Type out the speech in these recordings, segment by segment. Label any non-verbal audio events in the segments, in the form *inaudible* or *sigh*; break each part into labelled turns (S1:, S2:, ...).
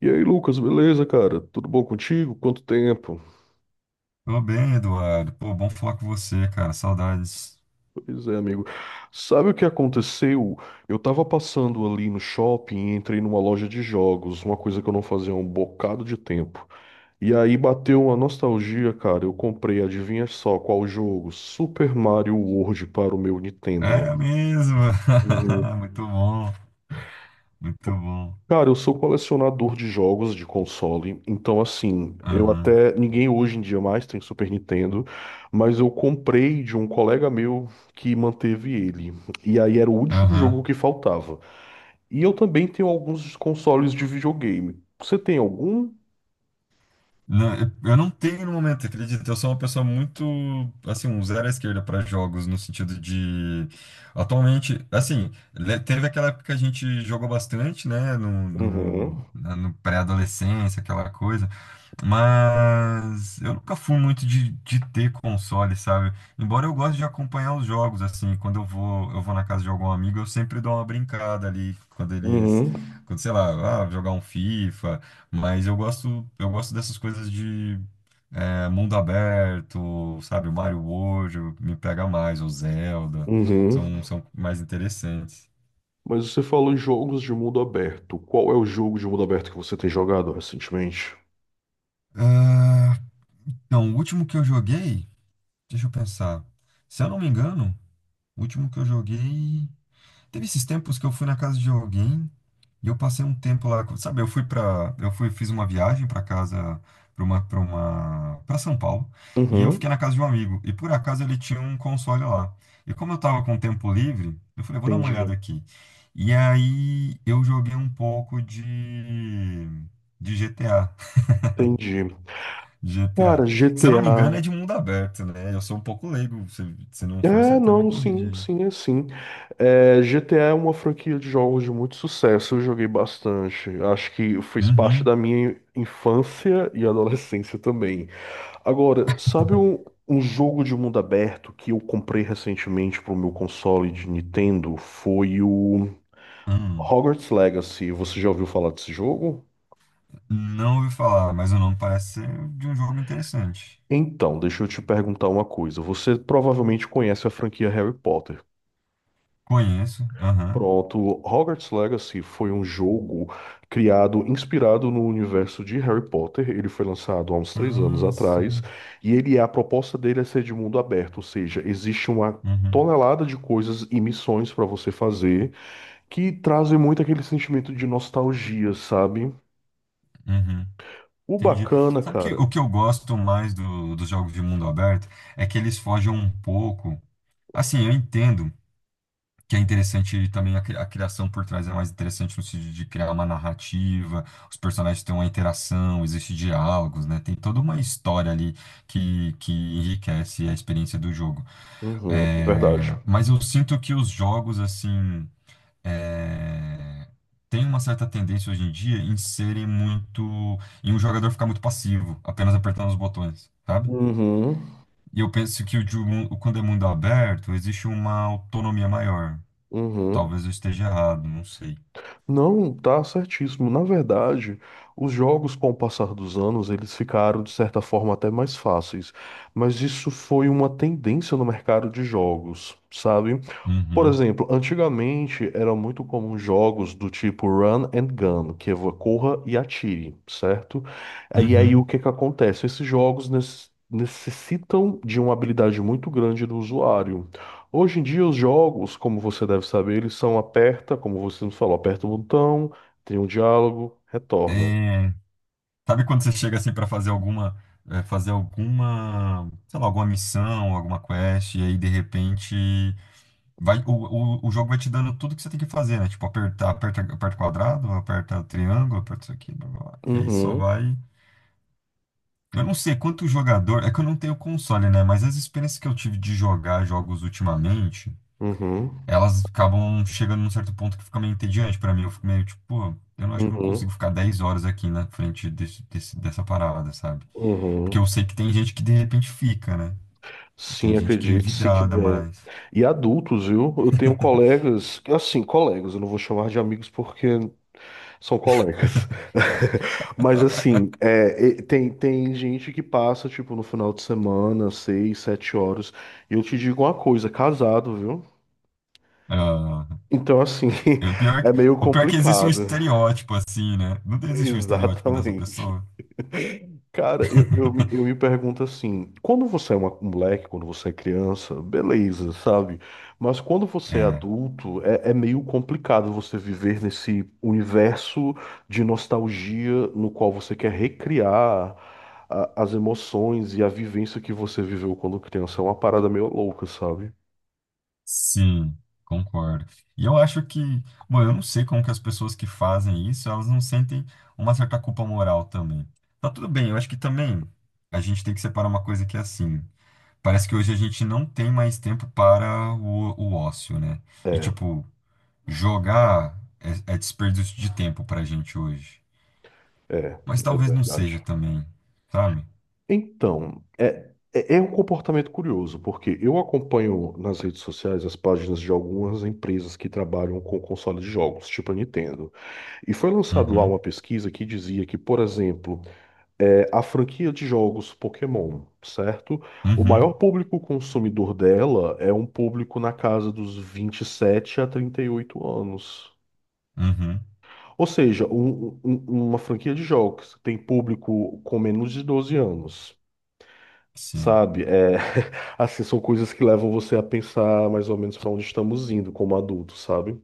S1: E aí, Lucas, beleza, cara? Tudo bom contigo? Quanto tempo?
S2: Tô bem, Eduardo. Pô, bom falar com você, cara. Saudades.
S1: Pois é, amigo. Sabe o que aconteceu? Eu tava passando ali no shopping e entrei numa loja de jogos, uma coisa que eu não fazia há um bocado de tempo. E aí bateu uma nostalgia, cara. Eu comprei, adivinha só qual jogo? Super Mario World para o meu Nintendo.
S2: É mesmo. *laughs*
S1: Uhum.
S2: Muito bom, muito bom.
S1: Cara, eu sou colecionador de jogos de console, então assim, eu
S2: Aham,
S1: até, ninguém hoje em dia mais tem Super Nintendo, mas eu comprei de um colega meu que manteve ele. E aí era o último
S2: aham.
S1: jogo que faltava. E eu também tenho alguns consoles de videogame. Você tem algum?
S2: Não, eu não tenho no momento, acredito. Eu sou uma pessoa muito, assim, um zero à esquerda para jogos, no sentido de. Atualmente, assim, teve aquela época que a gente jogou bastante, né, no, no,
S1: Uhum.
S2: na- no pré-adolescência, aquela coisa. Mas eu nunca fui muito de ter console, sabe? Embora eu goste de acompanhar os jogos, assim, quando eu vou na casa de algum amigo, eu sempre dou uma brincada ali,
S1: Uhum.
S2: quando, sei lá, jogar um FIFA, mas eu gosto dessas coisas de mundo aberto, sabe? O Mario World me pega mais, o Zelda,
S1: Uhum.
S2: são mais interessantes.
S1: Mas você falou em jogos de mundo aberto. Qual é o jogo de mundo aberto que você tem jogado recentemente?
S2: Ah, então, o último que eu joguei, deixa eu pensar, se eu não me engano. O último que eu joguei. Teve esses tempos que eu fui na casa de alguém e eu passei um tempo lá. Sabe, eu fui para, eu fui, fiz uma viagem para casa, para São Paulo e eu fiquei
S1: Uhum.
S2: na casa de um amigo e por acaso ele tinha um console lá. E como eu tava com tempo livre, eu falei, vou dar uma olhada
S1: Entendi.
S2: aqui. E aí eu joguei um pouco de GTA,
S1: Entendi. Cara,
S2: GTA. *laughs* Se eu não me engano
S1: GTA.
S2: é de mundo aberto, né? Eu sou um pouco leigo. Se não for, você
S1: É,
S2: até me
S1: não,
S2: corrige
S1: sim,
S2: aí.
S1: sim. É, GTA é uma franquia de jogos de muito sucesso, eu joguei bastante. Acho que fez parte
S2: Uhum.
S1: da minha infância e adolescência também. Agora, sabe um jogo de mundo aberto que eu comprei recentemente para o meu console de Nintendo? Foi o
S2: Hum.
S1: Hogwarts Legacy. Você já ouviu falar desse jogo?
S2: Não ouvi falar, mas o nome parece ser de um jogo interessante.
S1: Então, deixa eu te perguntar uma coisa. Você provavelmente conhece a franquia Harry Potter.
S2: Conheço, aham.
S1: Pronto, Hogwarts Legacy foi um jogo criado, inspirado no universo de Harry Potter. Ele foi lançado há uns três anos
S2: Ah,
S1: atrás
S2: sim.
S1: e a proposta dele é ser de mundo aberto, ou seja, existe uma
S2: Uhum,
S1: tonelada de coisas e missões para você fazer que trazem muito aquele sentimento de nostalgia, sabe?
S2: uhum.
S1: O
S2: Entendi.
S1: bacana,
S2: Sabe que
S1: cara.
S2: o que eu gosto mais do, dos jogos de mundo aberto é que eles fogem um pouco. Assim, eu entendo, que é interessante também, a criação por trás é mais interessante no sentido de criar uma narrativa, os personagens têm uma interação, existem diálogos, né? Tem toda uma história ali que enriquece a experiência do jogo.
S1: Uhum,
S2: É,
S1: verdade.
S2: mas eu sinto que os jogos, assim, é, têm uma certa tendência hoje em dia em serem muito, em um jogador ficar muito passivo, apenas apertando os botões, sabe?
S1: Uhum,
S2: E eu penso que quando é mundo aberto, existe uma autonomia maior.
S1: uhum.
S2: Talvez eu esteja errado, não sei.
S1: Não, tá certíssimo. Na verdade, os jogos, com o passar dos anos, eles ficaram, de certa forma, até mais fáceis. Mas isso foi uma tendência no mercado de jogos, sabe? Por
S2: Uhum,
S1: exemplo, antigamente era muito comum jogos do tipo Run and Gun, que é corra e atire, certo? E aí
S2: uhum.
S1: o que que acontece? Esses jogos necessitam de uma habilidade muito grande do usuário. Hoje em dia os jogos, como você deve saber, eles são aperta, como você nos falou, aperta o botão, tem um diálogo, retorna.
S2: É, sabe quando você chega assim para fazer alguma, fazer alguma, sei lá, alguma missão, alguma quest, e aí de repente vai, o, o jogo vai te dando tudo que você tem que fazer, né? Tipo, aperta, aperta quadrado, aperta triângulo, aperta isso aqui, blá, blá, blá. E aí só
S1: Uhum,
S2: vai. Eu não sei quanto jogador, é que eu não tenho console, né? Mas as experiências que eu tive de jogar jogos ultimamente.
S1: uhum,
S2: elas acabam chegando num certo ponto que fica meio entediante pra mim. Eu fico meio tipo, pô, eu não acho que eu não
S1: uhum,
S2: consigo ficar 10 horas aqui na frente dessa parada, sabe? Porque eu
S1: uhum.
S2: sei que tem gente que de repente fica, né? Tipo, tem
S1: Sim,
S2: gente que é
S1: acredite, se
S2: vidrada
S1: quiser.
S2: mais.
S1: E adultos, viu? Eu tenho colegas, assim, colegas, eu não vou chamar de amigos porque são colegas. *laughs* Mas assim, tem, tem gente que passa, tipo, no final de semana, seis, sete horas. E eu te digo uma coisa, casado, viu?
S2: Ah,
S1: Então, assim,
S2: o pior,
S1: *laughs* é meio
S2: o pior é que existe um
S1: complicado.
S2: estereótipo assim, né? Não
S1: *laughs*
S2: existe um estereótipo dessa
S1: Exatamente.
S2: pessoa.
S1: Cara,
S2: *laughs*
S1: eu me pergunto assim, quando você é um moleque, quando você é criança, beleza, sabe? Mas quando você é
S2: É.
S1: adulto, é meio complicado você viver nesse universo de nostalgia no qual você quer recriar as emoções e a vivência que você viveu quando criança. É uma parada meio louca, sabe?
S2: Sim, concordo. E eu acho que, bom, eu não sei como que as pessoas que fazem isso, elas não sentem uma certa culpa moral também. Tá tudo bem, eu acho que também a gente tem que separar uma coisa que é assim. Parece que hoje a gente não tem mais tempo para o ócio, né? E
S1: É,
S2: tipo, jogar é desperdício de tempo pra gente hoje.
S1: é,
S2: Mas
S1: é
S2: talvez não
S1: verdade.
S2: seja também, sabe?
S1: Então, é um comportamento curioso, porque eu acompanho nas redes sociais as páginas de algumas empresas que trabalham com console de jogos, tipo a Nintendo. E foi lançado lá
S2: Uhum,
S1: uma pesquisa que dizia que, por exemplo, a franquia de jogos Pokémon, certo? O
S2: uhum,
S1: maior público consumidor dela é um público na casa dos 27 a 38 anos.
S2: uhum,
S1: Ou seja, uma franquia de jogos que tem público com menos de 12 anos.
S2: sim.
S1: Sabe? É, *laughs* assim, são coisas que levam você a pensar mais ou menos para onde estamos indo como adultos, sabe?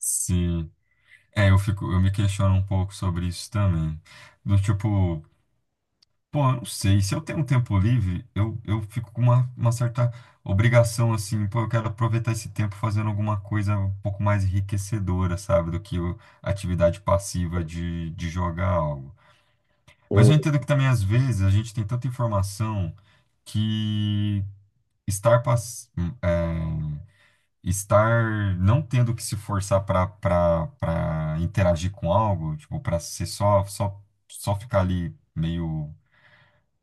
S2: Sim. É, eu me questiono um pouco sobre isso também. Do tipo, pô, eu não sei, se eu tenho um tempo livre, eu fico com uma, certa obrigação, assim, pô, eu quero aproveitar esse tempo fazendo alguma coisa um pouco mais enriquecedora, sabe, do que a atividade passiva de jogar algo. Mas
S1: Hum.
S2: eu entendo que também, às vezes, a gente tem tanta informação que estar não tendo que se forçar para interagir com algo, tipo, para ser só ficar ali meio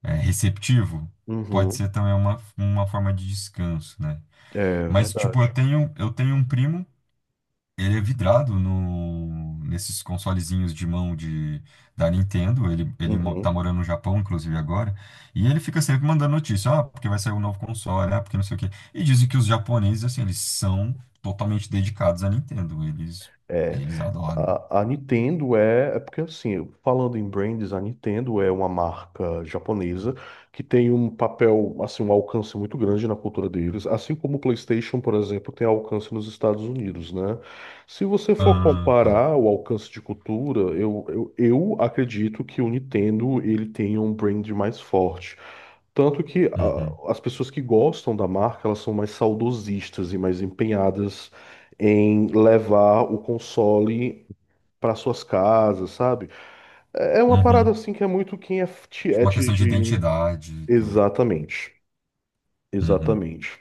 S2: receptivo, pode ser
S1: Uhum.
S2: também uma forma de descanso, né?
S1: É
S2: Mas tipo, eu
S1: verdade.
S2: tenho eu tenho um primo ele é vidrado no, nesses consolezinhos de mão de, da Nintendo. Ele, tá
S1: Uhum.
S2: morando no Japão, inclusive, agora. E ele fica sempre mandando notícia. Ah, porque vai sair um novo console. Ah, porque não sei o quê. E dizem que os japoneses, assim, eles são totalmente dedicados à Nintendo. Eles,
S1: É,
S2: adoram.
S1: A Nintendo é porque assim, falando em brands, a Nintendo é uma marca japonesa que tem um papel, assim, um alcance muito grande na cultura deles, assim como o PlayStation, por exemplo, tem alcance nos Estados Unidos, né? Se você for
S2: Ah, tá.
S1: comparar o alcance de cultura, eu acredito que o Nintendo ele tenha um brand mais forte. Tanto que
S2: Uhum.
S1: as pessoas que gostam da marca, elas são mais saudosistas e mais empenhadas em levar o console para suas casas, sabe? É uma parada
S2: Uhum.
S1: assim que é muito quem é
S2: Tipo, uma
S1: tiete
S2: questão de
S1: de.
S2: identidade, então.
S1: Exatamente,
S2: Uhum.
S1: exatamente.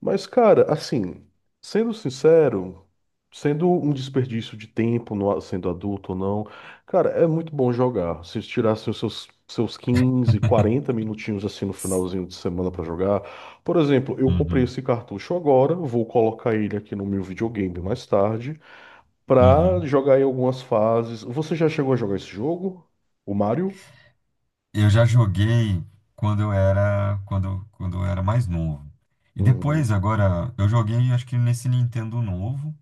S1: Mas, cara, assim, sendo sincero, sendo um desperdício de tempo, sendo adulto ou não, cara, é muito bom jogar. Se tirassem os seus 15, 40 minutinhos assim no finalzinho de semana pra jogar. Por exemplo, eu comprei
S2: Uhum.
S1: esse cartucho agora, vou colocar ele aqui no meu videogame mais tarde pra
S2: Uhum.
S1: jogar em algumas fases. Você já chegou a jogar esse jogo? O Mario?
S2: Eu já joguei quando eu era mais novo. E depois,
S1: Uhum,
S2: agora, eu joguei acho que nesse Nintendo novo,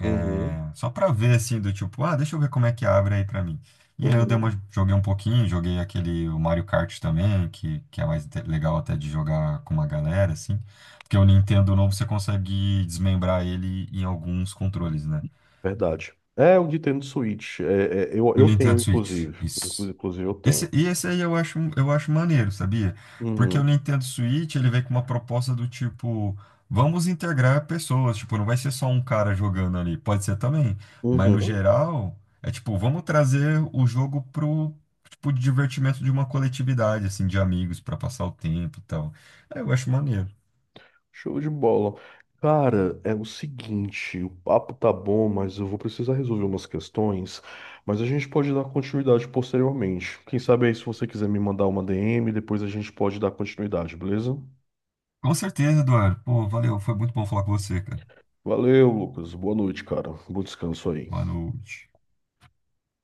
S1: uhum,
S2: só pra ver assim do tipo, ah, deixa eu ver como é que abre aí pra mim. E aí eu
S1: uhum.
S2: joguei um pouquinho, joguei aquele o Mario Kart também, que é mais legal até de jogar com uma galera assim, porque o Nintendo novo você consegue desmembrar ele em alguns controles, né?
S1: Verdade. É o Nintendo Switch.
S2: O
S1: Eu tenho,
S2: Nintendo Switch,
S1: inclusive.
S2: isso.
S1: Inclusive, eu tenho.
S2: E esse aí eu acho maneiro, sabia? Porque o
S1: Uhum,
S2: Nintendo Switch, ele vem com uma proposta do tipo, vamos integrar pessoas, tipo, não vai ser só um cara jogando ali, pode ser também, mas no
S1: uhum.
S2: geral, é tipo, vamos trazer o jogo pro, tipo, de divertimento de uma coletividade, assim, de amigos, pra passar o tempo e tal. Aí eu acho maneiro.
S1: Show de bola. Cara, é o seguinte, o papo tá bom, mas eu vou precisar resolver umas questões, mas a gente pode dar continuidade posteriormente. Quem sabe aí, se você quiser me mandar uma DM, depois a gente pode dar continuidade, beleza?
S2: Com certeza, Eduardo. Pô, valeu, foi muito bom falar com você, cara.
S1: Valeu, Lucas. Boa noite, cara. Bom descanso aí.
S2: Boa noite.